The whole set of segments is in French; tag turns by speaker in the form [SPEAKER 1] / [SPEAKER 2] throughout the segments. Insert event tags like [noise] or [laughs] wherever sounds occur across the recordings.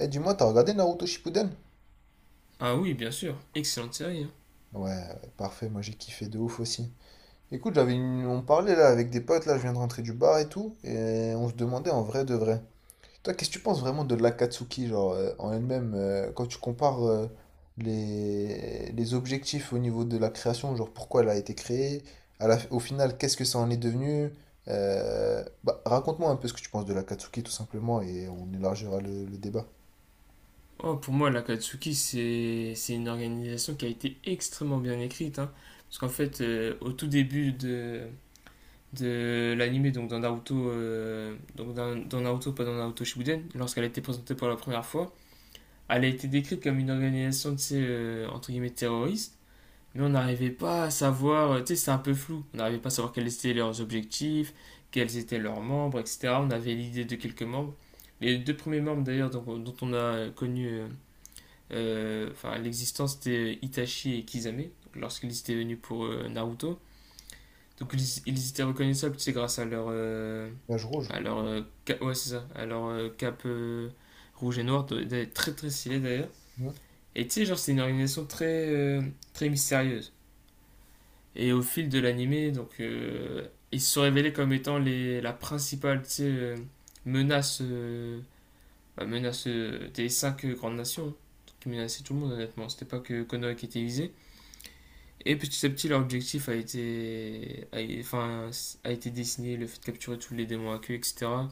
[SPEAKER 1] Eh, dis-moi, t'as regardé Naruto Shippuden?
[SPEAKER 2] Ah oui, bien sûr. Excellente série. Hein.
[SPEAKER 1] Ouais, ouais, parfait, moi j'ai kiffé de ouf aussi. Écoute, on parlait là avec des potes, là je viens de rentrer du bar et tout, et on se demandait en vrai de vrai. Toi, qu'est-ce que tu penses vraiment de l'Akatsuki, genre en elle-même, quand tu compares les objectifs au niveau de la création, genre pourquoi elle a été créée, au final, qu'est-ce que ça en est devenu? Bah, raconte-moi un peu ce que tu penses de l'Akatsuki tout simplement, et on élargira le débat.
[SPEAKER 2] Oh, pour moi, l'Akatsuki, c'est une organisation qui a été extrêmement bien écrite. Hein. Parce qu'en fait, au tout début de l'anime, donc dans Naruto, donc dans Naruto, pas dans Naruto Shippuden, lorsqu'elle a été présentée pour la première fois, elle a été décrite comme une organisation, tu sais, entre guillemets, terroriste. Mais on n'arrivait pas à savoir, tu sais, c'est un peu flou, on n'arrivait pas à savoir quels étaient leurs objectifs, quels étaient leurs membres, etc. On avait l'idée de quelques membres. Les deux premiers membres d'ailleurs dont on a connu l'existence, c'était Itachi et Kisame lorsqu'ils étaient venus pour Naruto. Donc ils étaient reconnaissables, tu sais, grâce à leur
[SPEAKER 1] Nuage rouge.
[SPEAKER 2] à leur, euh, ouais, c'est ça, à leur cape rouge et noir, très très stylé d'ailleurs.
[SPEAKER 1] Hmm.
[SPEAKER 2] Et tu sais, genre, c'est une organisation très, très mystérieuse. Et au fil de l'animé, donc, ils se sont révélés comme étant la principale tu sais, menace, menace des cinq grandes nations, hein, qui menaçaient tout le monde honnêtement. C'était pas que Konoha qui était visé. Et petit à petit, leur objectif a été dessiné, le fait de capturer tous les démons à queue, etc.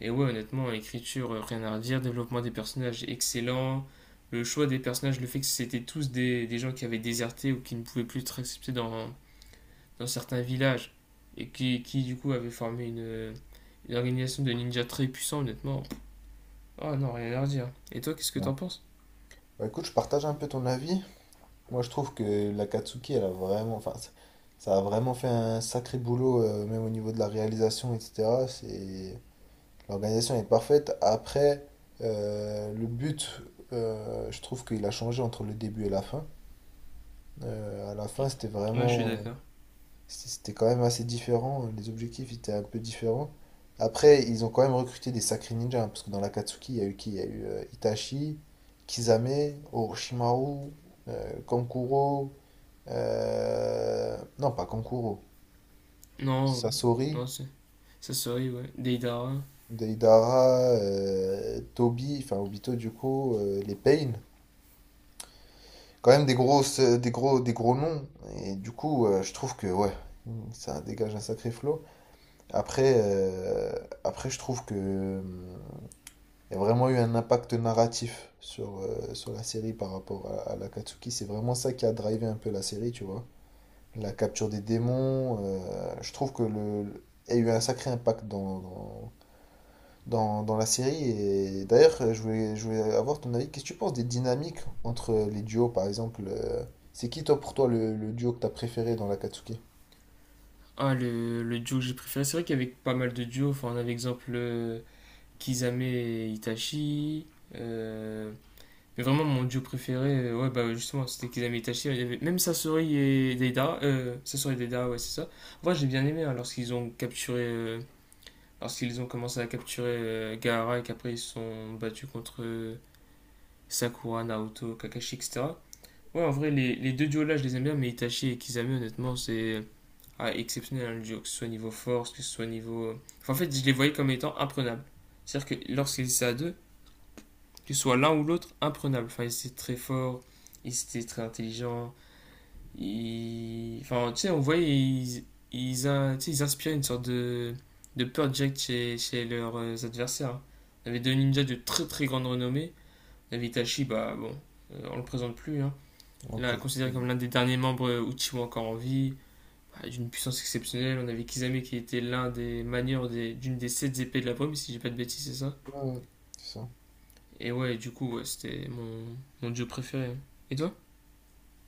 [SPEAKER 2] Et ouais, honnêtement, écriture, rien à redire, développement des personnages excellent, le choix des personnages, le fait que c'était tous des gens qui avaient déserté ou qui ne pouvaient plus être acceptés dans certains villages et qui du coup avait formé une organisation de ninjas très puissant honnêtement. Oh non, rien à leur dire. Et toi, qu'est-ce que
[SPEAKER 1] Ouais.
[SPEAKER 2] t'en penses?
[SPEAKER 1] Bah écoute, je partage un peu ton avis. Moi, je trouve que la Katsuki, elle a vraiment, enfin, ça a vraiment fait un sacré boulot, même au niveau de la réalisation, etc. C'est... L'organisation est parfaite. Après, le but, je trouve qu'il a changé entre le début et la fin. À la fin, c'était
[SPEAKER 2] Ouais, je suis
[SPEAKER 1] vraiment,
[SPEAKER 2] d'accord.
[SPEAKER 1] c'était quand même assez différent. Les objectifs étaient un peu différents. Après, ils ont quand même recruté des sacrés ninjas, hein, parce que dans la Katsuki, il y a eu qui? Il y a eu Itachi, Kisame, Orochimaru, Kankuro. Non, pas Kankuro.
[SPEAKER 2] Non,
[SPEAKER 1] Sasori,
[SPEAKER 2] non, ça serait, ouais. Deidara.
[SPEAKER 1] Deidara, Toby, enfin Obito du coup, les Pain. Quand même des grosses, des gros noms. Et du coup, je trouve que ouais, ça dégage un sacré flot. Après, après, je trouve que il y a vraiment eu un impact narratif sur, sur la série par rapport à l'Akatsuki. C'est vraiment ça qui a drivé un peu la série, tu vois. La capture des démons. Je trouve que il y a eu un sacré impact dans la série. Et d'ailleurs, je voulais avoir ton avis. Qu'est-ce que tu penses des dynamiques entre les duos, par exemple? C'est qui, toi, pour toi, le duo que t'as préféré dans l'Akatsuki?
[SPEAKER 2] Ah, le duo que j'ai préféré. C'est vrai qu'il y avait pas mal de duos. Enfin, on avait exemple Kizame et Itachi. euh, Mais vraiment, mon duo préféré, ouais, bah justement, c'était Kisame et Itachi. Il y avait même Sasori et Deidara. Sasori et Deidara, ouais, c'est ça. Moi, j'ai bien aimé hein, lorsqu'ils ont capturé lorsqu'ils ont commencé à capturer Gaara et qu'après ils se sont battus contre Sakura, Naoto, Kakashi, etc. Ouais, en vrai, les deux duos-là, je les aime bien, mais Itachi et Kisame honnêtement, c'est ah, exceptionnel, hein, le duo, que ce soit niveau force, que ce soit niveau... Enfin, en fait, je les voyais comme étant imprenables. C'est-à-dire que lorsqu'ils étaient à deux, que ce soit l'un ou l'autre, imprenables. Enfin, ils étaient très forts, ils étaient très intelligents, ils... Enfin, tu sais, on voyait, ils tu sais, ils inspiraient une sorte de peur jack chez leurs adversaires. Hein. On avait deux ninjas de très très grande renommée. On avait Itachi, bah bon, on le présente plus. Hein.
[SPEAKER 1] Dans
[SPEAKER 2] Là, considéré
[SPEAKER 1] Akatsuki.
[SPEAKER 2] comme l'un des derniers membres Uchiwa encore en vie, bah, d'une puissance exceptionnelle. On avait Kisame qui était l'un des manieurs d'une des sept épées de la brume, si j'ai pas de bêtises, c'est ça.
[SPEAKER 1] Ouais, c'est ça.
[SPEAKER 2] Et ouais, du coup, ouais, c'était mon dieu préféré. Hein. Et toi?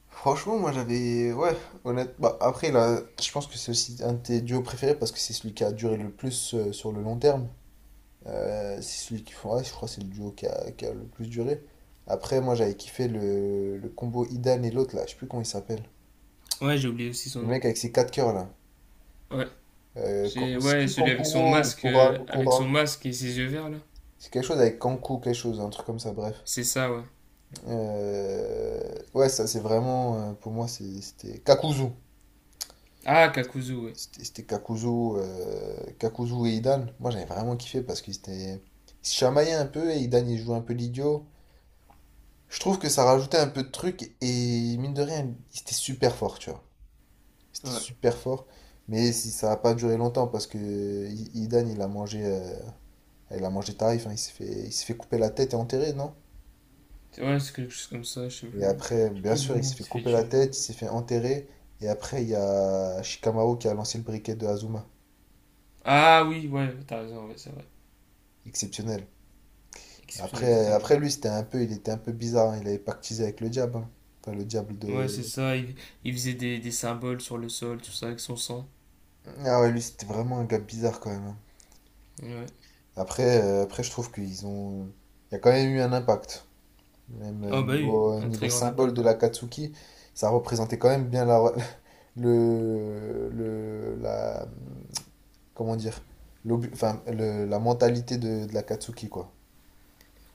[SPEAKER 1] Franchement, moi j'avais. Ouais, honnête Bah, après, là, je pense que c'est aussi un de tes duos préférés parce que c'est celui qui a duré le plus sur le long terme. C'est celui qui font ouais je crois que c'est le duo qui a le plus duré. Après, moi j'avais kiffé le combo Idan et l'autre là, je sais plus comment il s'appelle.
[SPEAKER 2] Ouais, j'ai oublié aussi son
[SPEAKER 1] Le
[SPEAKER 2] nom.
[SPEAKER 1] mec avec ses quatre cœurs là.
[SPEAKER 2] Ouais, J'ai
[SPEAKER 1] C'est
[SPEAKER 2] ouais,
[SPEAKER 1] plus
[SPEAKER 2] celui
[SPEAKER 1] Kankuro ou Kuram,
[SPEAKER 2] avec son
[SPEAKER 1] Kuram.
[SPEAKER 2] masque et ses yeux verts là.
[SPEAKER 1] C'est quelque chose avec Kanku, quelque chose, un truc comme ça, bref.
[SPEAKER 2] C'est ça ouais.
[SPEAKER 1] Ouais, ça c'est vraiment, pour moi c'était Kakuzu.
[SPEAKER 2] Ah, Kakuzu ouais.
[SPEAKER 1] C'était Kakuzu, Kakuzu et Idan. Moi j'avais vraiment kiffé parce qu'ils étaient... ils se chamaillaient un peu et Idan il jouait un peu l'idiot. Je trouve que ça rajoutait un peu de truc et mine de rien, c'était super fort, tu vois. C'était
[SPEAKER 2] Ouais.
[SPEAKER 1] super fort. Mais si ça n'a pas duré longtemps parce que Idan, il a mangé tarif, hein, il s'est fait couper la tête et enterrer, non?
[SPEAKER 2] c'est Ouais, c'est quelque chose comme ça, je sais plus.
[SPEAKER 1] Et après,
[SPEAKER 2] Je sais
[SPEAKER 1] bien
[SPEAKER 2] plus
[SPEAKER 1] sûr, il
[SPEAKER 2] exactement où
[SPEAKER 1] s'est
[SPEAKER 2] il
[SPEAKER 1] fait
[SPEAKER 2] s'est fait
[SPEAKER 1] couper
[SPEAKER 2] tuer
[SPEAKER 1] la
[SPEAKER 2] mais...
[SPEAKER 1] tête, il s'est fait enterrer. Et après, il y a Shikamaru qui a lancé le briquet de Azuma.
[SPEAKER 2] Ah oui, ouais, t'as raison, ouais, c'est vrai.
[SPEAKER 1] Exceptionnel.
[SPEAKER 2] Exceptionnel
[SPEAKER 1] Après,
[SPEAKER 2] totalement.
[SPEAKER 1] après lui, c'était un peu, il était un peu bizarre. Hein, il avait pactisé avec le diable. Hein. Enfin, le diable
[SPEAKER 2] Ouais, c'est
[SPEAKER 1] de...
[SPEAKER 2] ça, il faisait des symboles sur le sol, tout ça avec son sang.
[SPEAKER 1] Ah ouais, lui, c'était vraiment un gars bizarre quand même. Hein.
[SPEAKER 2] Ouais.
[SPEAKER 1] Après, après je trouve qu'ils ont... Il y a quand même eu un impact. Même
[SPEAKER 2] Ah bah oui, un très
[SPEAKER 1] niveau
[SPEAKER 2] grand
[SPEAKER 1] symbole
[SPEAKER 2] impact.
[SPEAKER 1] de la Katsuki, ça représentait quand même bien [laughs] la, comment dire, la mentalité de la Katsuki, quoi.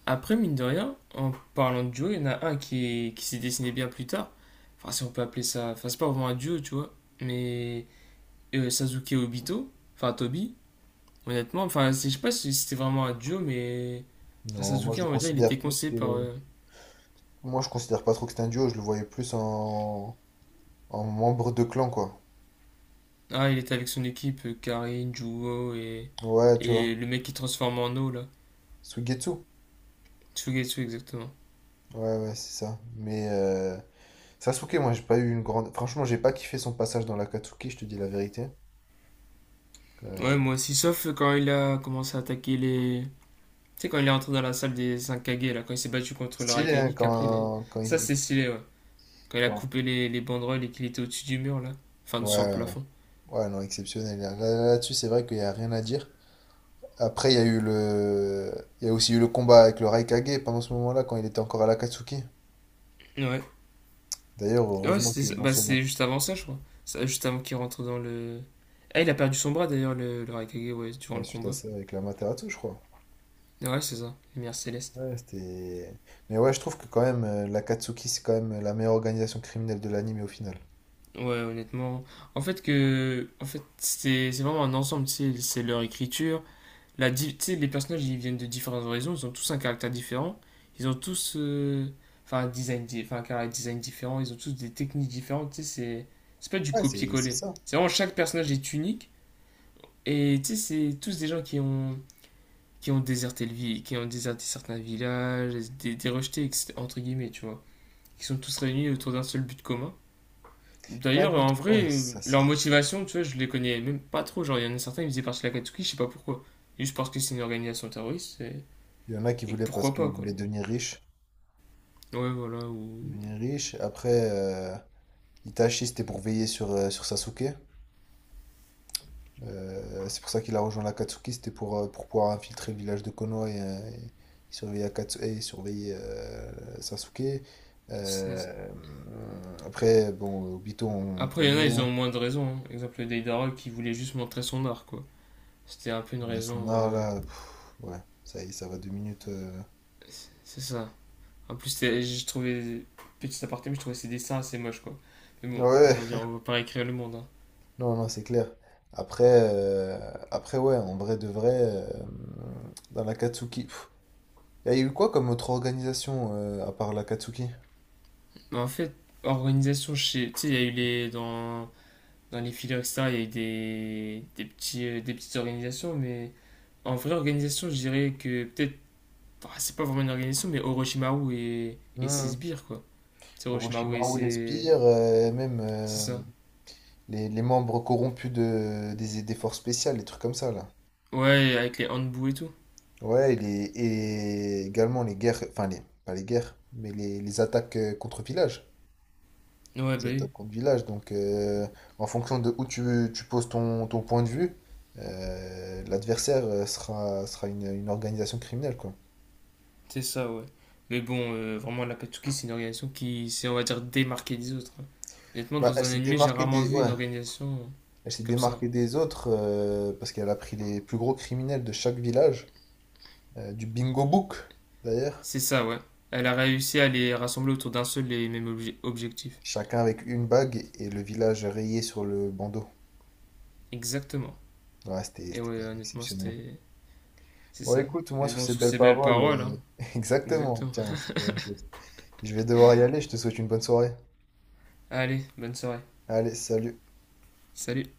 [SPEAKER 2] Après, mine de rien, en parlant de duo, il y en a un qui s'est dessiné bien plus tard. Enfin, si on peut appeler ça. Enfin, c'est pas vraiment un duo, tu vois. Mais Sasuke et Obito, enfin Tobi, honnêtement. Enfin, je sais pas si c'était vraiment un duo, mais enfin,
[SPEAKER 1] Non, moi
[SPEAKER 2] Sasuke,
[SPEAKER 1] je le
[SPEAKER 2] on va dire, il était
[SPEAKER 1] considère plus.
[SPEAKER 2] conseillé par.
[SPEAKER 1] Moi je considère pas trop que c'est un duo, je le voyais plus en membre de clan, quoi.
[SPEAKER 2] Ah, il était avec son équipe, Karin, Juho
[SPEAKER 1] Ouais, tu
[SPEAKER 2] et
[SPEAKER 1] vois.
[SPEAKER 2] le mec qui transforme en eau, là.
[SPEAKER 1] Suigetsu.
[SPEAKER 2] Tsugetsu, exactement.
[SPEAKER 1] Ouais, ouais, c'est ça. Mais, Sasuke, moi, j'ai pas eu une grande. Franchement, j'ai pas kiffé son passage dans l'Akatsuki, je te dis la vérité.
[SPEAKER 2] Ouais,
[SPEAKER 1] Euh,
[SPEAKER 2] moi aussi, sauf quand il a commencé à attaquer les. Tu sais, quand il est entré dans la salle des 5 Kage, là, quand il s'est battu contre le
[SPEAKER 1] stylé, hein,
[SPEAKER 2] Raikage, qu'après, il est... ça c'est stylé, ouais. Quand il a
[SPEAKER 1] quand-
[SPEAKER 2] coupé les banderoles et qu'il était au-dessus du mur, là. Enfin,
[SPEAKER 1] ouais,
[SPEAKER 2] sur le
[SPEAKER 1] ouais.
[SPEAKER 2] plafond.
[SPEAKER 1] Ouais, non, exceptionnel. Là, là-dessus, c'est vrai qu'il y a rien à dire. Après, il y a eu le... Il y a aussi eu le combat avec le Raikage pendant ce moment-là, quand il était encore à l'Akatsuki.
[SPEAKER 2] Ouais.
[SPEAKER 1] D'ailleurs,
[SPEAKER 2] Ouais,
[SPEAKER 1] heureusement
[SPEAKER 2] c'était
[SPEAKER 1] qu'ils
[SPEAKER 2] ça.
[SPEAKER 1] l'ont
[SPEAKER 2] Bah,
[SPEAKER 1] sauvé.
[SPEAKER 2] c'était juste avant ça, je crois. Ça, juste avant qu'il rentre dans le. Ah, il a perdu son bras d'ailleurs, le Raikage, ouais, durant
[SPEAKER 1] Ouais,
[SPEAKER 2] le
[SPEAKER 1] suite à
[SPEAKER 2] combat.
[SPEAKER 1] ça, avec l'Amaterasu, je crois.
[SPEAKER 2] Ouais, c'est ça, lumière céleste.
[SPEAKER 1] Ouais, c'était... Mais ouais, je trouve que quand même, l'Akatsuki, c'est quand même la meilleure organisation criminelle de l'anime au final.
[SPEAKER 2] Ouais, honnêtement. En fait, que. En fait, c'est vraiment un ensemble, tu sais, c'est leur écriture. Tu sais, les personnages, ils viennent de différentes horizons, ils ont tous un caractère différent. Ils ont tous. Enfin, un design, enfin, un caractère design différent, ils ont tous des techniques différentes, tu sais, c'est. C'est pas du
[SPEAKER 1] Ouais, c'est
[SPEAKER 2] copier-coller.
[SPEAKER 1] ça.
[SPEAKER 2] C'est vraiment chaque personnage est unique. Et tu sais, c'est tous des gens qui ont déserté qui ont déserté certains villages, des rejetés, entre guillemets, tu vois, qui sont tous réunis autour d'un seul but commun.
[SPEAKER 1] Un
[SPEAKER 2] D'ailleurs,
[SPEAKER 1] but.
[SPEAKER 2] en
[SPEAKER 1] Ouais,
[SPEAKER 2] vrai,
[SPEAKER 1] c'est ça,
[SPEAKER 2] leur
[SPEAKER 1] c'est...
[SPEAKER 2] motivation, tu vois, je les connais même pas trop. Genre, il y en a certains, ils faisaient partie de la Katsuki, je sais pas pourquoi. Juste parce que c'est une organisation terroriste, et,
[SPEAKER 1] Il y en a qui
[SPEAKER 2] et
[SPEAKER 1] voulaient parce
[SPEAKER 2] pourquoi pas,
[SPEAKER 1] qu'ils
[SPEAKER 2] quoi.
[SPEAKER 1] voulaient devenir riches.
[SPEAKER 2] Ouais, voilà, ou...
[SPEAKER 1] Devenir riches. Après, Itachi, c'était pour veiller sur, sur Sasuke. C'est pour ça qu'il a rejoint l'Akatsuki, c'était pour pouvoir infiltrer le village de Konoha et surveiller, et surveiller Sasuke.
[SPEAKER 2] c'est-
[SPEAKER 1] Euh, Après, bon, Obito, on le
[SPEAKER 2] Après, il y en a, ils
[SPEAKER 1] connaît.
[SPEAKER 2] ont moins de raisons. Hein. Exemple, Deidara qui voulait juste montrer son art, quoi. C'était un peu une
[SPEAKER 1] Ouais, son
[SPEAKER 2] raison...
[SPEAKER 1] art, là, pff, ouais, ça y est, ça va deux minutes. Euh.
[SPEAKER 2] C'est ça. En plus, j'ai trouvé, petit aparté, mais je trouvais ses dessins assez moches, quoi. Mais bon,
[SPEAKER 1] Ouais,
[SPEAKER 2] on va dire,
[SPEAKER 1] ouais.
[SPEAKER 2] on va pas réécrire le monde. Hein.
[SPEAKER 1] Non, non, c'est clair. Après, euh, après, ouais, en vrai de vrai, dans l'Akatsuki, pff, il y a eu quoi comme autre organisation à part l'Akatsuki?
[SPEAKER 2] Mais en fait, organisation, tu sais, il y a eu les. Dans les filières, etc., il y a eu des petites organisations, mais en vraie organisation, je dirais que peut-être. Ah, c'est pas vraiment une organisation, mais Orochimaru et ses
[SPEAKER 1] Hmm.
[SPEAKER 2] sbires, quoi. C'est Orochimaru et
[SPEAKER 1] Orochimaru, les
[SPEAKER 2] ses.
[SPEAKER 1] sbires, même
[SPEAKER 2] C'est ça.
[SPEAKER 1] les membres corrompus des forces spéciales, les trucs comme ça là.
[SPEAKER 2] Ouais, avec les handbou et tout.
[SPEAKER 1] Ouais, et, et également les guerres, enfin les, pas les guerres, mais les attaques contre village.
[SPEAKER 2] Ouais, bah
[SPEAKER 1] Les
[SPEAKER 2] oui.
[SPEAKER 1] attaques contre village. Donc en fonction de où tu poses ton point de vue, l'adversaire sera une organisation criminelle quoi.
[SPEAKER 2] C'est ça, ouais. Mais bon, vraiment, la Katsuki, c'est une organisation qui s'est, on va dire, démarquée des autres. Hein. Honnêtement,
[SPEAKER 1] Bah,
[SPEAKER 2] dans
[SPEAKER 1] elle
[SPEAKER 2] un
[SPEAKER 1] s'est
[SPEAKER 2] anime, j'ai
[SPEAKER 1] démarquée
[SPEAKER 2] rarement
[SPEAKER 1] des,
[SPEAKER 2] vu
[SPEAKER 1] ouais,
[SPEAKER 2] une organisation
[SPEAKER 1] elle s'est
[SPEAKER 2] comme ça. Hein.
[SPEAKER 1] démarquée des autres parce qu'elle a pris les plus gros criminels de chaque village, du bingo book d'ailleurs,
[SPEAKER 2] C'est ça, ouais. Elle a réussi à les rassembler autour d'un seul et même objectif.
[SPEAKER 1] chacun avec une bague et le village rayé sur le bandeau.
[SPEAKER 2] Exactement.
[SPEAKER 1] Ouais, c'était
[SPEAKER 2] Et
[SPEAKER 1] c'était quand
[SPEAKER 2] ouais,
[SPEAKER 1] même
[SPEAKER 2] honnêtement,
[SPEAKER 1] exceptionnel.
[SPEAKER 2] c'était... C'est
[SPEAKER 1] Bon,
[SPEAKER 2] ça.
[SPEAKER 1] écoute, moi
[SPEAKER 2] Mais
[SPEAKER 1] sur
[SPEAKER 2] bon,
[SPEAKER 1] ces
[SPEAKER 2] sur
[SPEAKER 1] belles
[SPEAKER 2] ces belles
[SPEAKER 1] paroles,
[SPEAKER 2] paroles, hein.
[SPEAKER 1] [laughs] exactement,
[SPEAKER 2] Exactement.
[SPEAKER 1] tiens, c'est la même chose. Je vais devoir y aller, je te souhaite une bonne soirée.
[SPEAKER 2] Allez, bonne soirée.
[SPEAKER 1] Allez, salut.
[SPEAKER 2] Salut.